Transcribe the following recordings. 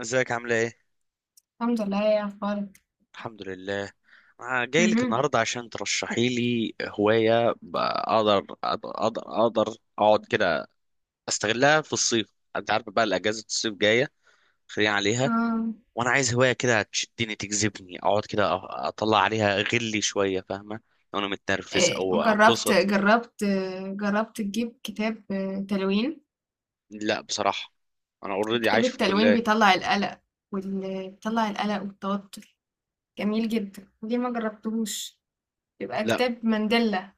ازيك عاملة ايه؟ الحمد لله، يا اخبارك؟ الحمد لله. أنا جاي لك مهم. النهاردة عشان ترشحي لي هواية أقدر أقعد كده، أستغلها في الصيف. أنت عارف بقى الأجازة الصيف جاية، خلينا عليها. اه. وأنا عايز هواية كده تشدني تجذبني أقعد كده أطلع عليها غلي شوية، فاهمة؟ لو أنا متنرفز إيه، أو جربت أبسط. جربت جربت تجيب كتاب آه، تلوين. لا بصراحة، أنا أوريدي كتاب عايش في التلوين الكلية. بيطلع القلق، بيطلع القلق والتوتر. جميل جدا، ليه ما جربتهوش؟ بيبقى لا، كتاب مانديلا.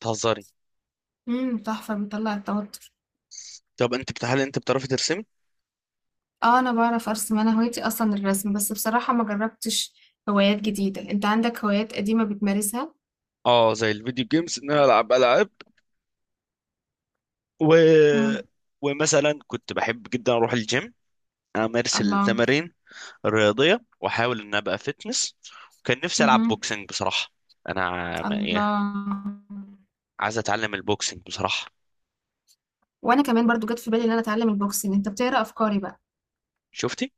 بتهزري. تحفة، بيطلع التوتر. طب هل أنت بتعرفي ترسمي؟ اه، انا بعرف ارسم، انا هوايتي اصلا الرسم، بس بصراحة ما جربتش. هوايات جديدة، انت عندك هوايات قديمة بتمارسها؟ اه، زي الفيديو جيمز ان انا العب العاب، و... امم. ومثلا كنت بحب جدا اروح الجيم، امارس الله. التمارين الرياضيه واحاول ان ابقى فيتنس. وكان نفسي العب امم. بوكسنج بصراحه، الله. يعني عايز اتعلم البوكسنج بصراحه. وانا كمان برضو جت في بالي ان انا اتعلم البوكسنج، انت بتقرا افكاري بقى؟ شفتي؟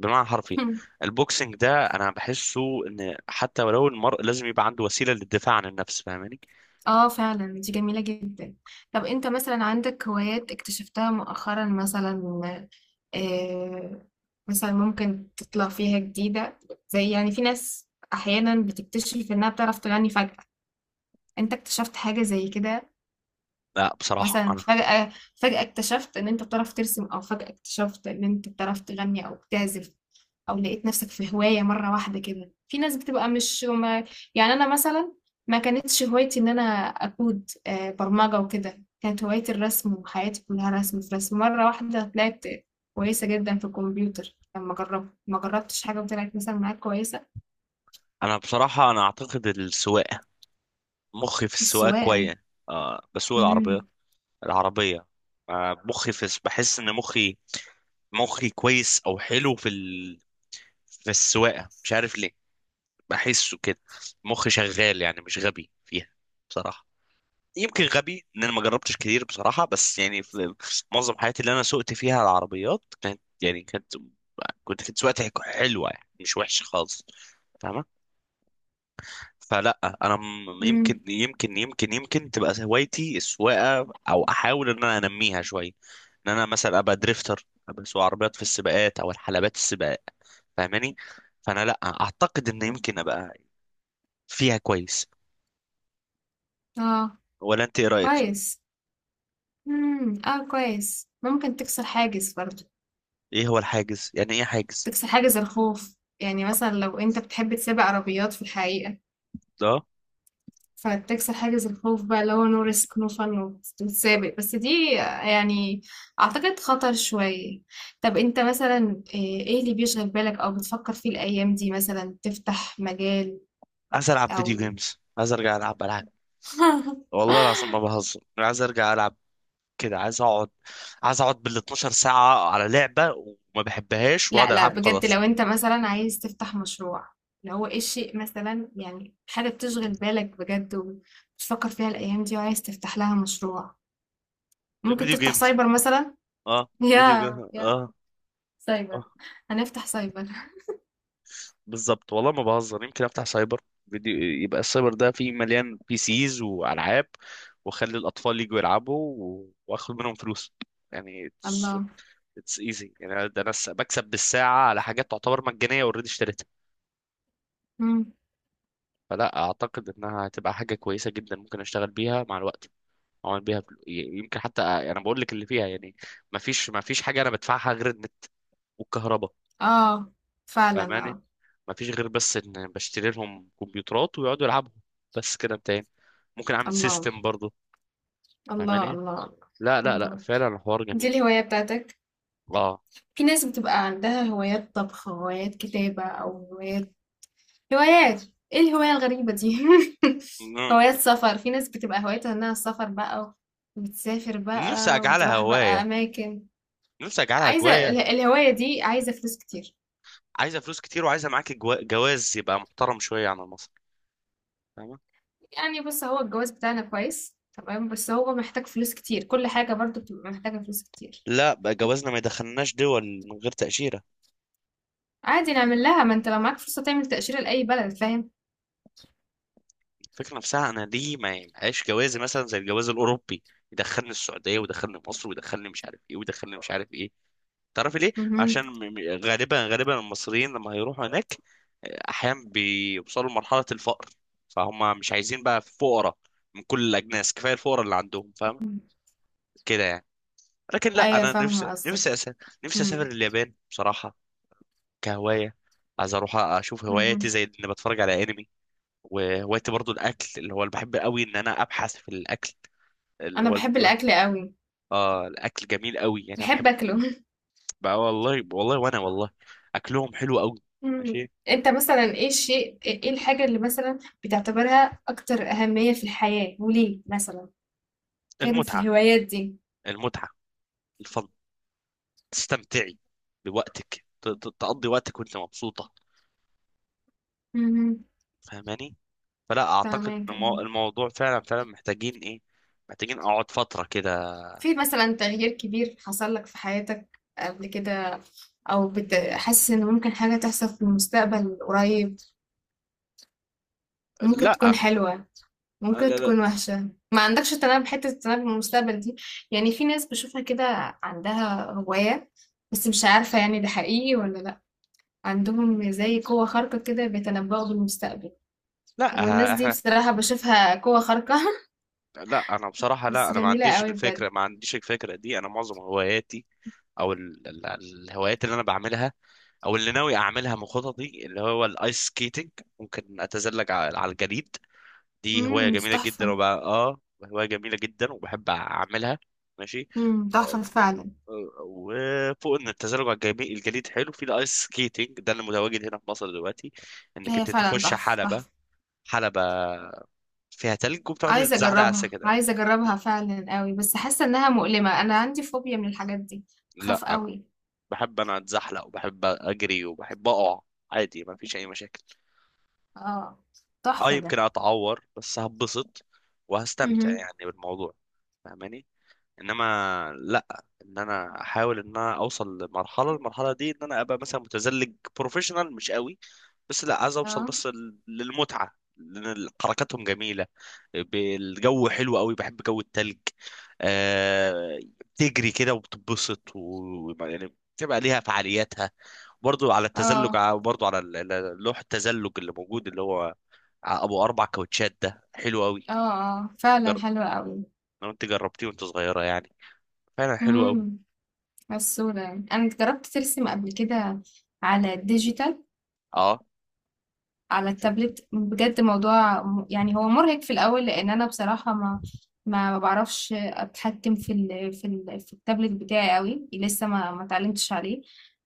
بمعنى حرفي. البوكسنج ده انا بحسه ان حتى ولو المرء لازم يبقى عنده وسيله للدفاع عن النفس، فاهماني؟ اه، فعلا دي جميلة جدا. طب انت مثلا عندك هوايات اكتشفتها مؤخرا مثلا؟ آه مثلا ممكن تطلع فيها جديدة، زي يعني في ناس احيانا بتكتشف انها بتعرف تغني فجأة. انت اكتشفت حاجة زي كده؟ لا بصراحه، مثلا انا فجأة اكتشفت ان انت بتعرف ترسم، او فجأة اكتشفت ان انت بتعرف تغني او بتعزف، او لقيت نفسك في هواية مرة واحدة كده. في ناس بتبقى مش ما، يعني انا مثلا ما كانتش هوايتي ان انا اكود برمجة وكده، كانت هوايتي الرسم وحياتي كلها رسم في رسم. مرة واحدة طلعت كويسة جدا في الكمبيوتر لما جربت، ما جربتش حاجة وطلعت مثلا معاك كويسة. انا بصراحه انا اعتقد السواقه، مخي في السواقه السواقة. كويس. آه، بسوق العربيه، امم. العربيه. آه، مخي في، بحس ان مخي كويس او حلو في السواقه، مش عارف ليه، بحسه كده. مخي شغال يعني مش غبي فيها بصراحه. يمكن غبي ان انا ما جربتش كتير بصراحه، بس يعني في معظم حياتي اللي انا سوقت فيها العربيات كانت، يعني كانت، كنت سواقتي حلوه يعني مش وحشه خالص، فاهمه؟ فلا انا م- امم، يمكن يمكن يمكن يمكن تبقى هوايتي السواقه او احاول ان انا انميها شويه، ان انا مثلا ابقى دريفتر، ابقى اسوق عربيات في السباقات او الحلبات السباق، فاهماني؟ فانا لا اعتقد ان يمكن ابقى فيها كويس. اه، ولا انت ايه رايك؟ كويس. امم، اه، كويس، ممكن تكسر حاجز برضه. ايه هو الحاجز، يعني ايه حاجز تكسر حاجز الخوف يعني، مثلا لو انت بتحب تسابق عربيات في الحقيقة، ده؟ فتكسر حاجز الخوف بقى اللي هو نو ريسك نو فن، وتسابق. بس دي يعني اعتقد خطر شوية. طب انت مثلا إيه اللي بيشغل بالك او بتفكر فيه الايام دي، مثلا تفتح مجال، عايز العب فيديو او... جيمز، عايز ارجع العب العاب. والله العظيم ما بهزر، عايز ارجع العب كده، عايز اقعد، عايز اقعد بال 12 ساعه على لعبه وما بحبهاش واقعد لا، لا العب بجد، وخلاص. لو انت مثلا عايز تفتح مشروع، اللي هو ايه الشيء مثلا، يعني حاجة بتشغل بالك بجد وبتفكر فيها الايام دي وعايز تفتح لها مشروع؟ ممكن الفيديو تفتح جيمز، سايبر مثلا. اه يا فيديو جيمز يا اه. آه. سايبر. هنفتح سايبر. بالظبط والله ما بهزر، يمكن افتح سايبر فيديو. يبقى السايبر ده فيه مليان بي سيز والعاب، واخلي الاطفال يجوا يلعبوا واخد منهم فلوس. يعني it's الله. it's easy يعني، ده بكسب بالساعه على حاجات تعتبر مجانيه اوريدي اشتريتها. إمم. فلا اعتقد انها هتبقى حاجه كويسه جدا، ممكن اشتغل بيها مع الوقت، اعمل بيها يمكن حتى انا بقول لك اللي فيها يعني، ما فيش حاجه انا بدفعها غير النت والكهرباء، آه، فعلًا فاهماني؟ آه. ما فيش غير بس ان بشتري لهم كمبيوترات ويقعدوا يلعبوا، بس كده انتهينا. ممكن اعمل الله، سيستم برضه، الله، فاهماني؟ الله، لا لا لا الله. فعلا الحوار دي جميل. الهواية بتاعتك؟ اه، في ناس بتبقى عندها هوايات طبخ، هوايات كتابة، أو هوايات، هوايات، إيه الهواية الغريبة دي؟ ن- هوايات سفر، في ناس بتبقى هوايتها إنها السفر بقى، وتسافر نفسي بقى اجعلها وتروح بقى هوايه، أماكن. نفسي اجعلها عايزة هوايه. الهواية دي عايزة فلوس كتير. عايزه فلوس كتير، وعايزه معاك جواز يبقى محترم شويه عن مصر، فاهمه؟ يعني بُص، هو الجواز بتاعنا كويس، تمام، بس هو محتاج فلوس كتير، كل حاجة برضه بتبقى محتاجة فلوس كتير. لا، بقى جوازنا ما يدخلناش دول من غير تاشيره. عادي نعمل لها، ما انت لو معاك فرصة تعمل تأشيرة لأي بلد فاهم. الفكره نفسها، انا ليه ما يبقاش جوازي مثلا زي الجواز الاوروبي، يدخلني السعوديه ويدخلني مصر ويدخلني مش عارف ايه ويدخلني مش عارف ايه. تعرفي ليه؟ مهم. عشان غالبا غالبا المصريين لما هيروحوا هناك احيانا بيوصلوا لمرحلة الفقر، فهم مش عايزين بقى فقراء من كل الاجناس، كفاية الفقراء اللي عندهم فاهم كده يعني. لكن لا، ايوه انا نفسي فاهمة قصدك. نفسي اسافر مهم. اليابان بصراحة كهواية، عايز اروح اشوف هواياتي مهم. زي اني بتفرج على انمي. وهوايتي برضو الاكل، اللي هو اللي بحب قوي ان انا ابحث في الاكل، اللي انا هو بحب الاكل قوي، اه الاكل جميل قوي، يعني انا بحب بحب اكله. بقى، والله والله وانا والله اكلهم حلو قوي. مهم. ماشي. انت مثلا ايه الشيء، ايه الحاجة اللي مثلا بتعتبرها اكتر اهمية في الحياة وليه مثلا، غير في المتعة، الهوايات دي؟ المتعة، الفن، تستمتعي بوقتك، تقضي وقتك وانت مبسوطة، مهم. فاهماني؟ فلا اعتقد ان فاهمك. الموضوع فعلا فعلا محتاجين ايه، محتاجين اقعد فترة كده. في مثلا تغيير كبير حصل لك في حياتك قبل كده، او حاسس ان ممكن حاجة تحصل في المستقبل قريب وممكن لا تكون حلوة، لا ممكن لا تكون وحشة؟ ما عندكش تنبؤ، حتة التنبؤ بالمستقبل دي؟ يعني في ناس بشوفها كده عندها هواية، بس مش عارفة يعني ده حقيقي ولا لأ، عندهم زي قوة خارقة كده بيتنبؤوا بالمستقبل. لا والناس دي احنا، بصراحة بشوفها قوة خارقة. لا انا بصراحة، لا بس انا جميلة قوي بجد. ما عنديش الفكرة دي. انا معظم هواياتي، او الهوايات اللي انا بعملها او اللي ناوي اعملها من خططي اللي هو الايس سكيتنج، ممكن اتزلج على الجليد. دي هواية امم، دي جميلة تحفة. جدا، وبقى اه هواية جميلة جدا وبحب أعملها. ماشي. امم، آه، تحفة فعلا. آه، وفوق ان التزلج على الجليد حلو في الايس سكيتنج ده اللي متواجد هنا في مصر دلوقتي، انك هي انت فعلا تخش تحفة حلبة، تحفة. حلبة فيها تلج وبتقعد عايزة تتزحلق على أجربها، السكة. عايزة أجربها فعلا قوي، بس حاسة إنها مؤلمة، أنا عندي فوبيا من الحاجات دي، لا بخاف انا قوي. بحب انا اتزحلق وبحب اجري وبحب اقع عادي، ما فيش اي مشاكل. اه، اه تحفة ده. يمكن اتعور بس هبسط وهستمتع مهم. يعني بالموضوع، فاهماني؟ انما لا، ان انا احاول ان انا اوصل المرحله دي ان انا ابقى مثلا متزلج بروفيشنال، مش قوي بس، لا عايز اوصل آه، بس للمتعه، لان حركاتهم جميله، الجو حلو قوي، بحب جو التلج. آه، تجري كده وبتتبسط، و... يعني بتبقى ليها فعالياتها. برضو على التزلج، آه، برضو على لوح التزلج اللي موجود، اللي هو ابو اربع كاوتشات ده حلو قوي. آه، آه، فعلًا جرب، حلوة أوي. لو انت جربتيه وانت صغيره يعني فعلا حلو قوي. إمم، غسولة يعني. أنا جربت ترسم قبل كده على الdigital، اه على التابلت، بجد موضوع يعني هو مُرهق في الأول، لإن أنا بصراحة ما باعرفش أتحكم في التابلت بتاعي أوي، لسه ما اتعلمتش عليه.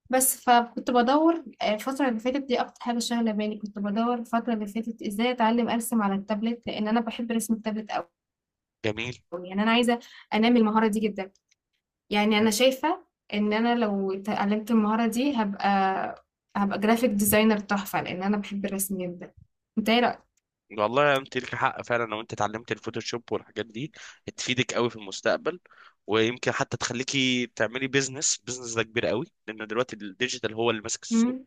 بس فكنت بادوّر الفترة اللي فاتت دي أكتر حاجة شاغلة بالي، كنت بادوّر الفترة اللي فاتت إزاي أتعلم أرسم على التابلت، لإن أنا باحب رسم التابلت أوي. جميل. يعني أنا عايزة أنمّي المهارة دي جدًا. يعني انا شايفة ان انا لو اتعلمت المهارة دي هبقى جرافيك ديزاينر تحفة، لان انا بحب الرسم جدا. انت ايه رأيك؟ والله انت لك حق فعلا، لو انت اتعلمت الفوتوشوب والحاجات دي تفيدك قوي في المستقبل، ويمكن حتى تخليكي تعملي بيزنس. بيزنس ده كبير قوي لان دلوقتي الديجيتال هو اللي ماسك السوق. مم.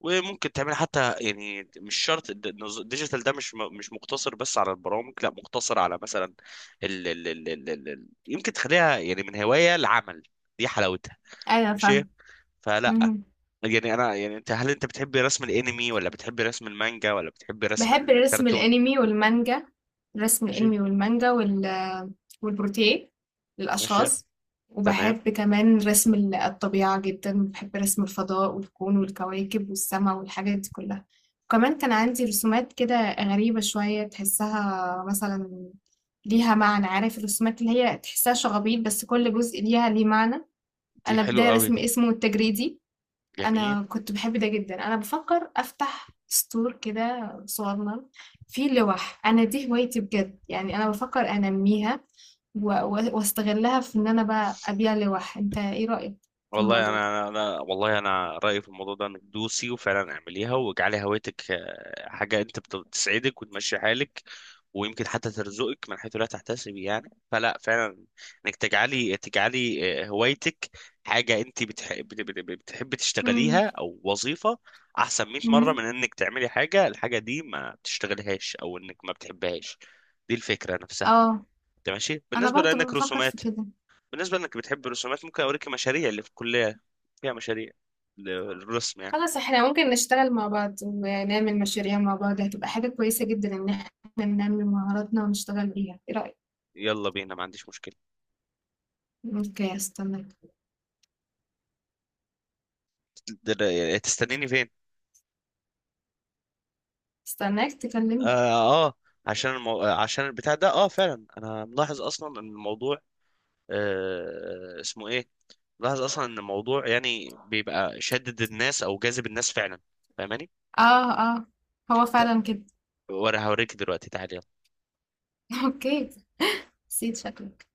وممكن تعملي حتى يعني مش شرط الديجيتال ده مش مش مقتصر بس على البرامج، لا مقتصر على مثلا يمكن تخليها يعني من هواية لعمل، دي حلاوتها. ايوه ماشي. فاهم. فلا يعني انا يعني انت، هل انت بتحبي رسم الانمي ولا بتحبي رسم المانجا ولا بتحبي رسم بحب الرسم الكرتون؟ الانمي والمانجا. الرسم ماشي الانمي والمانجا وال، والبروتيه ماشي للاشخاص. تمام. وبحب كمان رسم الطبيعة جدا، بحب رسم الفضاء والكون والكواكب والسماء والحاجات دي كلها. وكمان كان عندي رسومات كده غريبة شوية، تحسها مثلا ليها معنى. عارف الرسومات اللي هي تحسها شغبيط بس كل جزء ليها ليه معنى؟ دي أنا حلو بداية قوي رسم دي، اسمه التجريدي. جميل. أنا كنت باحب ده جدًا. أنا بافكّر أفتح store كده صغنّن فيه لوَح، أنا دي هوايتي بجد، يعني أنا بافكّر أنمّيها و و واستغلّها في إن أنا بقى أبيع لوَح، أنت إيه رأيك في والله الموضوع ده؟ انا والله انا رايي في الموضوع ده انك دوسي وفعلا اعمليها، واجعلي هوايتك آه حاجه انت بتسعدك وتمشي حالك، ويمكن حتى ترزقك من حيث لا تحتسبي يعني. فلا فعلا، انك تجعلي آه هوايتك حاجه انت بتحبي إمم. تشتغليها او وظيفه، احسن 100 مره إمم. من انك تعملي حاجه الحاجه دي ما بتشتغلهاش او انك ما بتحبهاش، دي الفكره نفسها. آه، تمام ماشي، أنا بالنسبه برضه لانك بافكّر في رسومات، كده. بالنسبة انك بتحب الرسومات ممكن اوريك مشاريع اللي في الكلية فيها مشاريع للرسم يعني. خلاص إحنا ممكن نشتغل مع بعض ونعمل مشاريع مع بعض، هتبقى حاجة كويسة جدًا إن إحنا ننمّي مهاراتنا ونشتغل بيها، إيه رأيك؟ يلا بينا ما عنديش مشكلة. أوكي، هاستناك. تستنيني فين؟ هاستناك اه، تكلمني. آه، عشان آه عشان البتاع ده، اه فعلا انا ملاحظ اصلا ان الموضوع آه اسمه ايه، ملاحظ اصلا ان الموضوع يعني بيبقى شدد الناس او جاذب النس فعلا، فاهماني؟ آه، آه، هو ت- فعلًا كده. وانا هوريك دلوقتي تعالي. أوكي، نسيت شكلك.